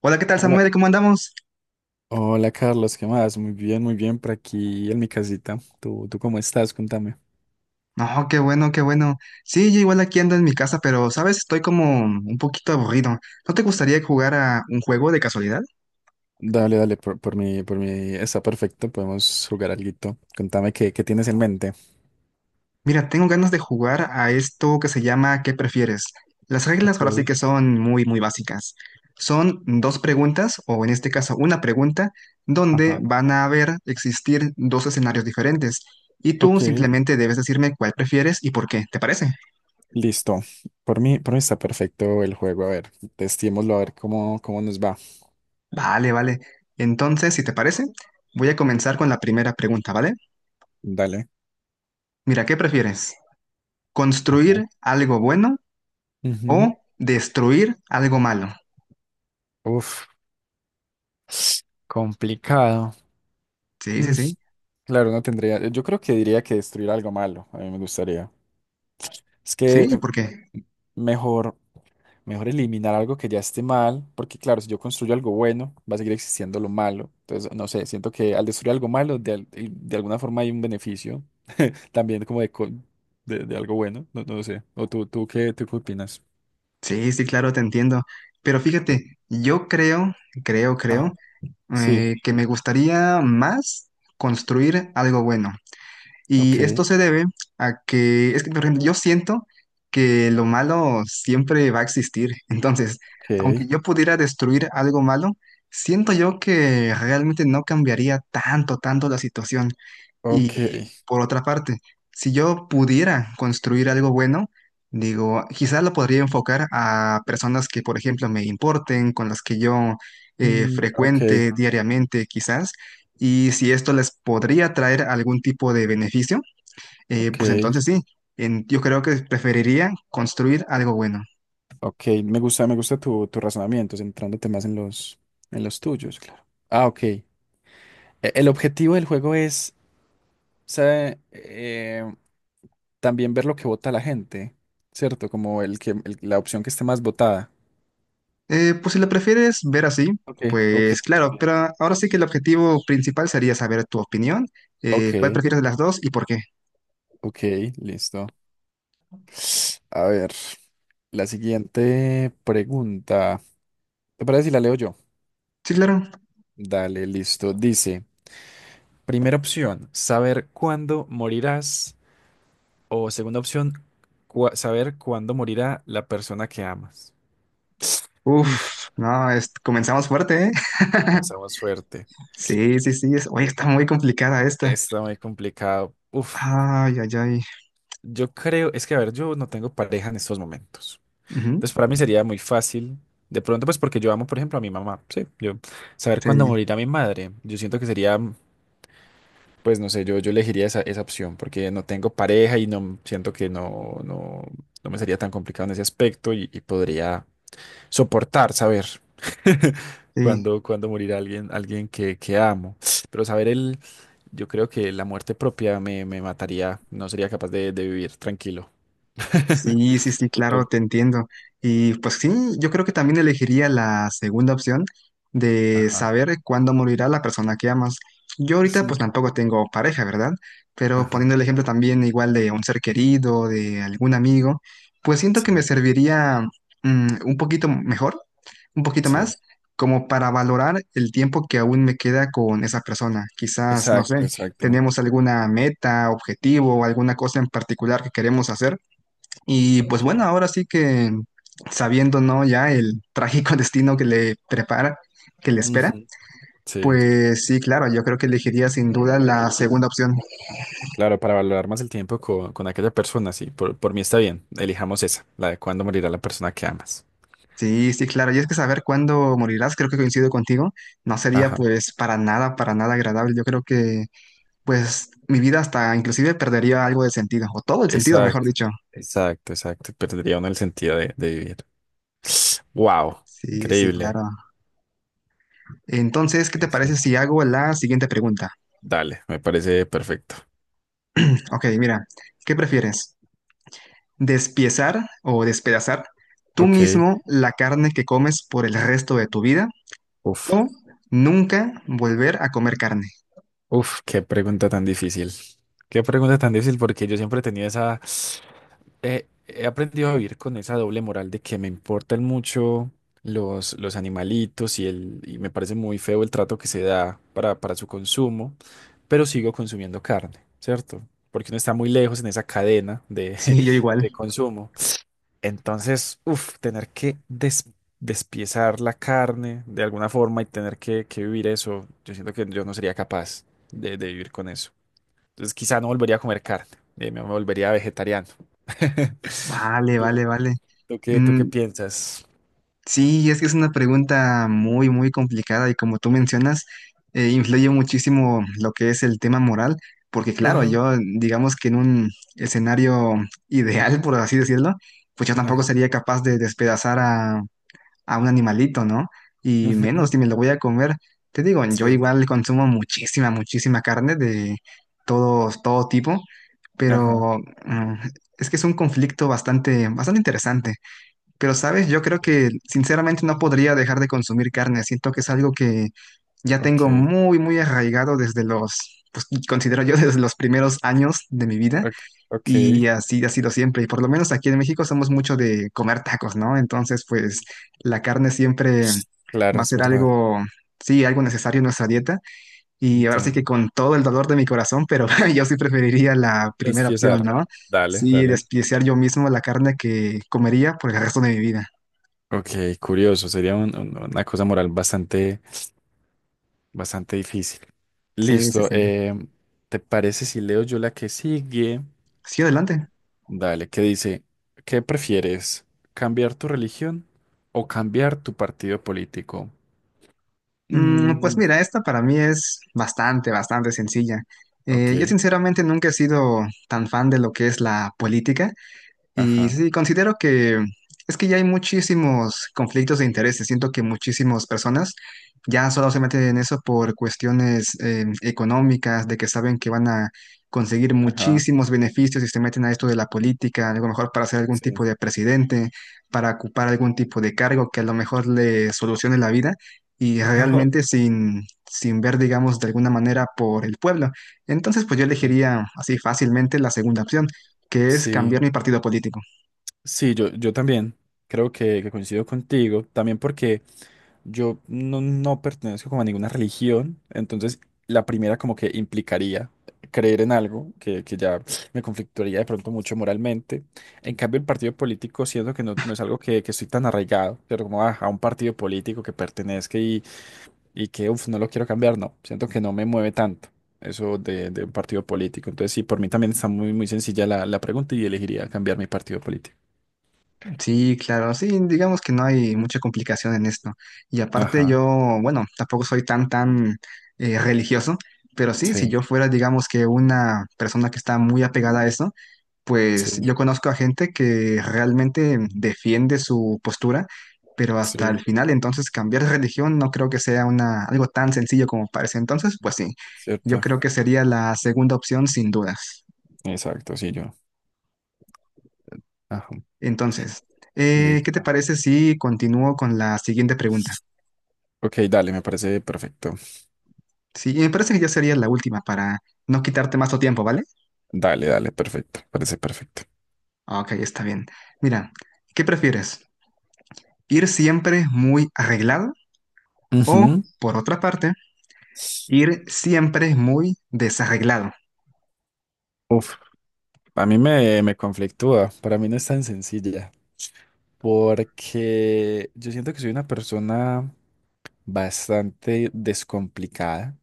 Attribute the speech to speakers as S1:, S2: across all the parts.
S1: Hola, ¿qué tal,
S2: Hola,
S1: Samuel? ¿Cómo andamos?
S2: hola Carlos, ¿qué más? Muy bien por aquí en mi casita. ¿Tú cómo estás? Contame.
S1: No, qué bueno, qué bueno. Sí, yo igual aquí ando en mi casa, pero, ¿sabes? Estoy como un poquito aburrido. ¿No te gustaría jugar a un juego de casualidad?
S2: Dale, dale, por mí está perfecto, podemos jugar alguito. Contame qué tienes en mente.
S1: Mira, tengo ganas de jugar a esto que se llama ¿Qué prefieres? Las reglas ahora sí
S2: Ok,
S1: que son muy, muy básicas. Son dos preguntas, o en este caso una pregunta, donde
S2: ajá.
S1: van a haber existir dos escenarios diferentes. Y tú
S2: Ok,
S1: simplemente debes decirme cuál prefieres y por qué. ¿Te parece?
S2: listo. Por mí está perfecto el juego. A ver, testémoslo a ver cómo nos va.
S1: Vale, vale. Entonces, si te parece, voy a comenzar con la primera pregunta, ¿vale?
S2: Dale.
S1: Mira, ¿qué prefieres?
S2: Ajá.
S1: ¿Construir algo bueno
S2: Ujú.
S1: o destruir algo malo?
S2: Uf, complicado.
S1: Sí,
S2: Mm,
S1: sí, sí.
S2: claro, no tendría. Yo creo que diría que destruir algo malo. A mí me gustaría. Es
S1: Sí,
S2: que
S1: ¿por qué?
S2: mejor, mejor eliminar algo que ya esté mal, porque claro, si yo construyo algo bueno, va a seguir existiendo lo malo. Entonces, no sé, siento que al destruir algo malo, de alguna forma hay un beneficio también como de algo bueno, no, no sé. ¿O tú qué opinas?
S1: Sí, sí, claro, te entiendo. Pero fíjate, yo creo, creo, creo,
S2: Ajá. Sí,
S1: que me gustaría más construir algo bueno.
S2: ok,
S1: Y esto se debe a que, es que por ejemplo, yo siento que lo malo siempre va a existir. Entonces, aunque
S2: ok,
S1: yo pudiera destruir algo malo, siento yo que realmente no cambiaría tanto, tanto la situación.
S2: ok,
S1: Y por otra parte, si yo pudiera construir algo bueno, digo, quizás lo podría enfocar a personas que, por ejemplo, me importen, con las que yo
S2: mm, ok,
S1: frecuente diariamente, quizás. Y si esto les podría traer algún tipo de beneficio
S2: ok,
S1: pues entonces sí, yo creo que preferiría construir algo bueno.
S2: ok. Me gusta tu razonamiento, centrándote más en en los tuyos, claro. Ah, ok. El objetivo del juego es sea, también ver lo que vota la gente, ¿cierto? Como la opción que esté más votada.
S1: Pues si lo prefieres ver así,
S2: Ok, ok,
S1: pues claro,
S2: también.
S1: pero ahora sí que el objetivo principal sería saber tu opinión,
S2: Ok,
S1: cuál prefieres de las dos y por qué.
S2: ok, listo. A ver, la siguiente pregunta. ¿Te parece si la leo yo?
S1: Sí, claro.
S2: Dale, listo. Dice, primera opción, saber cuándo morirás. O segunda opción, saber cuándo morirá la persona que amas.
S1: Uf, no, comenzamos fuerte, ¿eh?
S2: Comenzamos fuerte.
S1: Sí, sí, sí, es, oye, está muy complicada esta.
S2: Está muy complicado. Uf.
S1: Ay, ay, ay.
S2: Yo creo, es que a ver, yo no tengo pareja en estos momentos.
S1: Ujú.
S2: Entonces, para mí sería muy fácil, de pronto, pues porque yo amo, por ejemplo, a mi mamá, sí, yo saber
S1: Sí,
S2: cuándo morirá mi madre. Yo siento que sería, pues no sé, yo elegiría esa, esa opción porque no tengo pareja y no siento que no, no, no me sería tan complicado en ese aspecto y podría soportar saber
S1: sí.
S2: cuándo morirá alguien, alguien que amo. Pero saber el, yo creo que la muerte propia me mataría, no sería capaz de vivir tranquilo.
S1: Sí, sí, sí,
S2: Y
S1: claro,
S2: tú,
S1: te entiendo. Y pues sí, yo creo que también elegiría la segunda opción de
S2: ajá,
S1: saber cuándo morirá la persona que amas. Yo ahorita pues
S2: sí,
S1: tampoco tengo pareja, ¿verdad? Pero
S2: ajá,
S1: poniendo el ejemplo también igual de un ser querido, de algún amigo, pues siento que me
S2: sí,
S1: serviría un poquito mejor, un poquito
S2: sí,
S1: más, como para valorar el tiempo que aún me queda con esa persona. Quizás, no sé,
S2: exacto, exacto.
S1: tenemos alguna meta, objetivo o alguna cosa en particular que queremos hacer y pues bueno,
S2: Okay.
S1: ahora sí que sabiendo, ¿no? Ya el trágico destino que le prepara, que le espera,
S2: Ujú, sí,
S1: pues sí, claro, yo creo que elegiría sin duda la segunda opción.
S2: claro, para valorar más el tiempo con aquella persona, sí, por mí está bien, elijamos esa, la de cuándo morirá la persona que amas.
S1: Sí, sí, claro. Y es que saber cuándo morirás, creo que coincido contigo, no sería
S2: Ajá,
S1: pues para nada agradable. Yo creo que pues mi vida hasta inclusive perdería algo de sentido, o todo el sentido, mejor
S2: exacto,
S1: dicho.
S2: exacto, exacto, perdería uno el sentido de vivir. Wow,
S1: Sí, sí,
S2: increíble.
S1: claro. Entonces, ¿qué te parece
S2: Listo.
S1: si hago la siguiente pregunta?
S2: Dale, me parece perfecto.
S1: Ok, mira, ¿qué prefieres? Despiezar o despedazar tú
S2: Ok,
S1: mismo la carne que comes por el resto de tu vida
S2: uf,
S1: o nunca volver a comer carne.
S2: uf, qué pregunta tan difícil. Qué pregunta tan difícil porque yo siempre he tenido esa... he aprendido a vivir con esa doble moral de que me importan mucho los animalitos y, el, y me parece muy feo el trato que se da para su consumo, pero sigo consumiendo carne, ¿cierto? Porque uno está muy lejos en esa cadena de,
S1: Sí, yo igual.
S2: de consumo. Entonces, uff, tener que despiezar la carne de alguna forma y tener que vivir eso, yo siento que yo no sería capaz de vivir con eso. Entonces, quizá no volvería a comer carne, me volvería vegetariano.
S1: Vale,
S2: ¿Tú,
S1: vale, vale.
S2: tú qué
S1: Mm,
S2: piensas?
S1: sí, es que es una pregunta muy, muy complicada y como tú mencionas, influye muchísimo lo que es el tema moral, porque claro,
S2: Ajá.
S1: yo digamos que en un escenario ideal, por así decirlo, pues yo tampoco
S2: Ajá.
S1: sería capaz de despedazar a un animalito, ¿no? Y
S2: Ujú,
S1: menos si me lo voy a comer. Te digo, yo
S2: sí.
S1: igual consumo muchísima, muchísima carne de todo, todo tipo,
S2: Ajá.
S1: pero mm, es que es un conflicto bastante, bastante interesante. Pero, ¿sabes? Yo creo
S2: Bien.
S1: que sinceramente no podría dejar de consumir carne. Siento que es algo que ya tengo
S2: Ok.
S1: muy, muy arraigado desde los, pues considero yo desde los primeros años de mi vida.
S2: Ok. Ok,
S1: Y así ha sido siempre. Y por lo menos aquí en México somos mucho de comer tacos, ¿no? Entonces, pues la carne siempre
S2: claro,
S1: va a
S2: es
S1: ser
S2: verdad.
S1: algo, sí, algo necesario en nuestra dieta. Y ahora sí que
S2: Entiendo.
S1: con todo el dolor de mi corazón, pero yo sí preferiría la
S2: Es
S1: primera opción,
S2: fiesar.
S1: ¿no?
S2: Dale,
S1: Sí,
S2: dale.
S1: despreciar yo mismo la carne que comería por el resto de mi vida.
S2: Ok, curioso. Sería una cosa moral bastante, bastante difícil.
S1: Sí, sí,
S2: Listo.
S1: sí.
S2: ¿Te parece si leo yo la que sigue?
S1: Sí, adelante.
S2: Dale, que dice, ¿qué prefieres? ¿Cambiar tu religión o cambiar tu partido político?
S1: Mm, pues
S2: Mm,
S1: mira, esta para mí es bastante, bastante sencilla. Yo
S2: ok.
S1: sinceramente nunca he sido tan fan de lo que es la política. Y
S2: Ajá.
S1: sí, considero que es que ya hay muchísimos conflictos de intereses. Siento que muchísimas personas ya solo se meten en eso por cuestiones económicas, de que saben que van a conseguir
S2: Ajá.
S1: muchísimos beneficios y se meten a esto de la política, a lo mejor para ser algún tipo
S2: Sí.
S1: de presidente, para ocupar algún tipo de cargo que a lo mejor le solucione la vida y
S2: Ajá.
S1: realmente sin, sin ver, digamos, de alguna manera por el pueblo. Entonces, pues yo
S2: Ok.
S1: elegiría así fácilmente la segunda opción, que es cambiar
S2: Sí,
S1: mi partido político.
S2: sí, yo también creo que coincido contigo, también porque yo no, no pertenezco como a ninguna religión, entonces la primera como que implicaría creer en algo que ya me conflictuaría de pronto mucho moralmente. En cambio, el partido político siento que no, no es algo que estoy tan arraigado, pero como a un partido político que pertenezca y que, uff, no lo quiero cambiar, no, siento que no me mueve tanto eso de un partido político. Entonces, sí, por mí también está muy, muy sencilla la, la pregunta y elegiría cambiar mi partido político.
S1: Sí, claro, sí, digamos que no hay mucha complicación en esto. Y aparte
S2: Ajá,
S1: yo, bueno, tampoco soy tan, tan religioso, pero sí, si
S2: sí,
S1: yo fuera, digamos que una persona que está muy apegada a eso, pues
S2: sí,
S1: yo conozco a gente que realmente defiende su postura, pero hasta el
S2: sí,
S1: final, entonces cambiar de religión no creo que sea una, algo tan sencillo como parece. Entonces, pues sí, yo
S2: cierto,
S1: creo que sería la segunda opción sin dudas.
S2: exacto, sí, yo. Ajá,
S1: Entonces, ¿qué te
S2: listo.
S1: parece si continúo con la siguiente pregunta?
S2: Ok, dale, me parece perfecto.
S1: Sí, me parece que ya sería la última para no quitarte más tu tiempo, ¿vale?
S2: Dale, dale, perfecto, parece perfecto.
S1: Ok, está bien. Mira, ¿qué prefieres? ¿Ir siempre muy arreglado o,
S2: Ujú.
S1: por otra parte, ir siempre muy desarreglado?
S2: Uf, a mí me conflictúa, para mí no es tan sencilla, porque yo siento que soy una persona bastante descomplicada.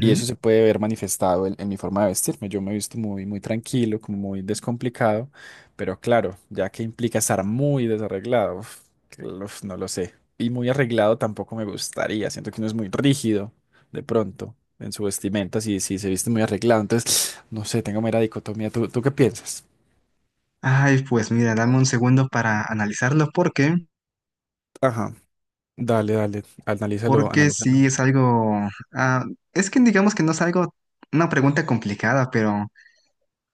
S2: Y eso se puede ver manifestado en mi forma de vestirme. Yo me he visto muy, muy tranquilo, como muy descomplicado, pero claro, ya que implica estar muy desarreglado, uf, uf, no lo sé. Y muy arreglado tampoco me gustaría. Siento que uno es muy rígido de pronto en su vestimenta si se viste muy arreglado. Entonces, no sé, tengo mera dicotomía. ¿Tú, tú qué piensas?
S1: Ay, pues mira, dame un segundo para analizarlo. ¿Por qué?
S2: Ajá, dale, dale, analízalo,
S1: Porque
S2: analízalo.
S1: sí es algo... ah, es que digamos que no es algo, una pregunta complicada, pero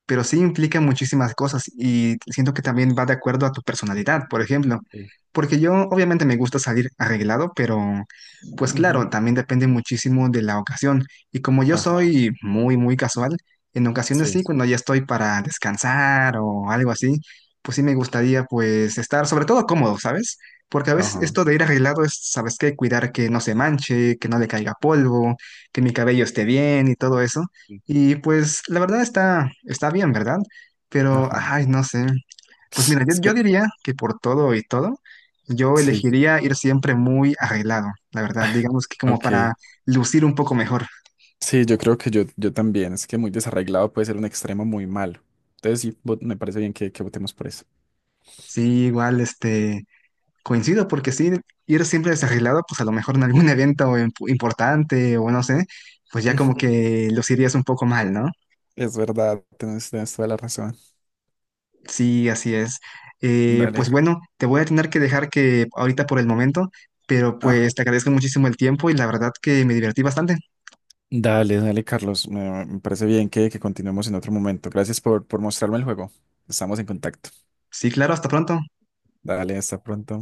S1: sí implica muchísimas cosas y siento que también va de acuerdo a tu personalidad, por ejemplo,
S2: Sí.
S1: porque yo obviamente me gusta salir arreglado, pero pues claro,
S2: Ujú.
S1: también depende muchísimo de la ocasión y como yo
S2: Ajá,
S1: soy muy, muy casual, en ocasiones sí,
S2: sí,
S1: cuando ya estoy para descansar o algo así, pues sí me gustaría pues estar sobre todo cómodo, ¿sabes? Porque a veces
S2: ajá,
S1: esto de ir arreglado es, ¿sabes qué? Cuidar que no se manche, que no le caiga polvo, que mi cabello esté bien y todo eso.
S2: sí,
S1: Y pues la verdad está, está bien, ¿verdad? Pero,
S2: ajá.
S1: ay, no sé. Pues mira, yo,
S2: Es
S1: yo
S2: que-
S1: diría que por todo y todo, yo
S2: sí,
S1: elegiría ir siempre muy arreglado, la verdad. Digamos que como
S2: ok.
S1: para lucir un poco mejor.
S2: Sí, yo creo que yo también. Es que muy desarreglado puede ser un extremo muy malo. Entonces sí, me parece bien que votemos por eso.
S1: Sí, igual, este, coincido porque sí, ir siempre desarreglado, pues a lo mejor en algún evento importante o no sé, pues ya como
S2: Ujú.
S1: que lucirías un poco mal, ¿no?
S2: Es verdad, tienes, tienes toda la razón.
S1: Sí, así es.
S2: Dale.
S1: Pues bueno, te voy a tener que dejar que ahorita por el momento, pero
S2: Ajá.
S1: pues te agradezco muchísimo el tiempo y la verdad que me divertí bastante.
S2: Dale, dale, Carlos. Me parece bien que continuemos en otro momento. Gracias por mostrarme el juego. Estamos en contacto.
S1: Sí, claro, hasta pronto.
S2: Dale, hasta pronto.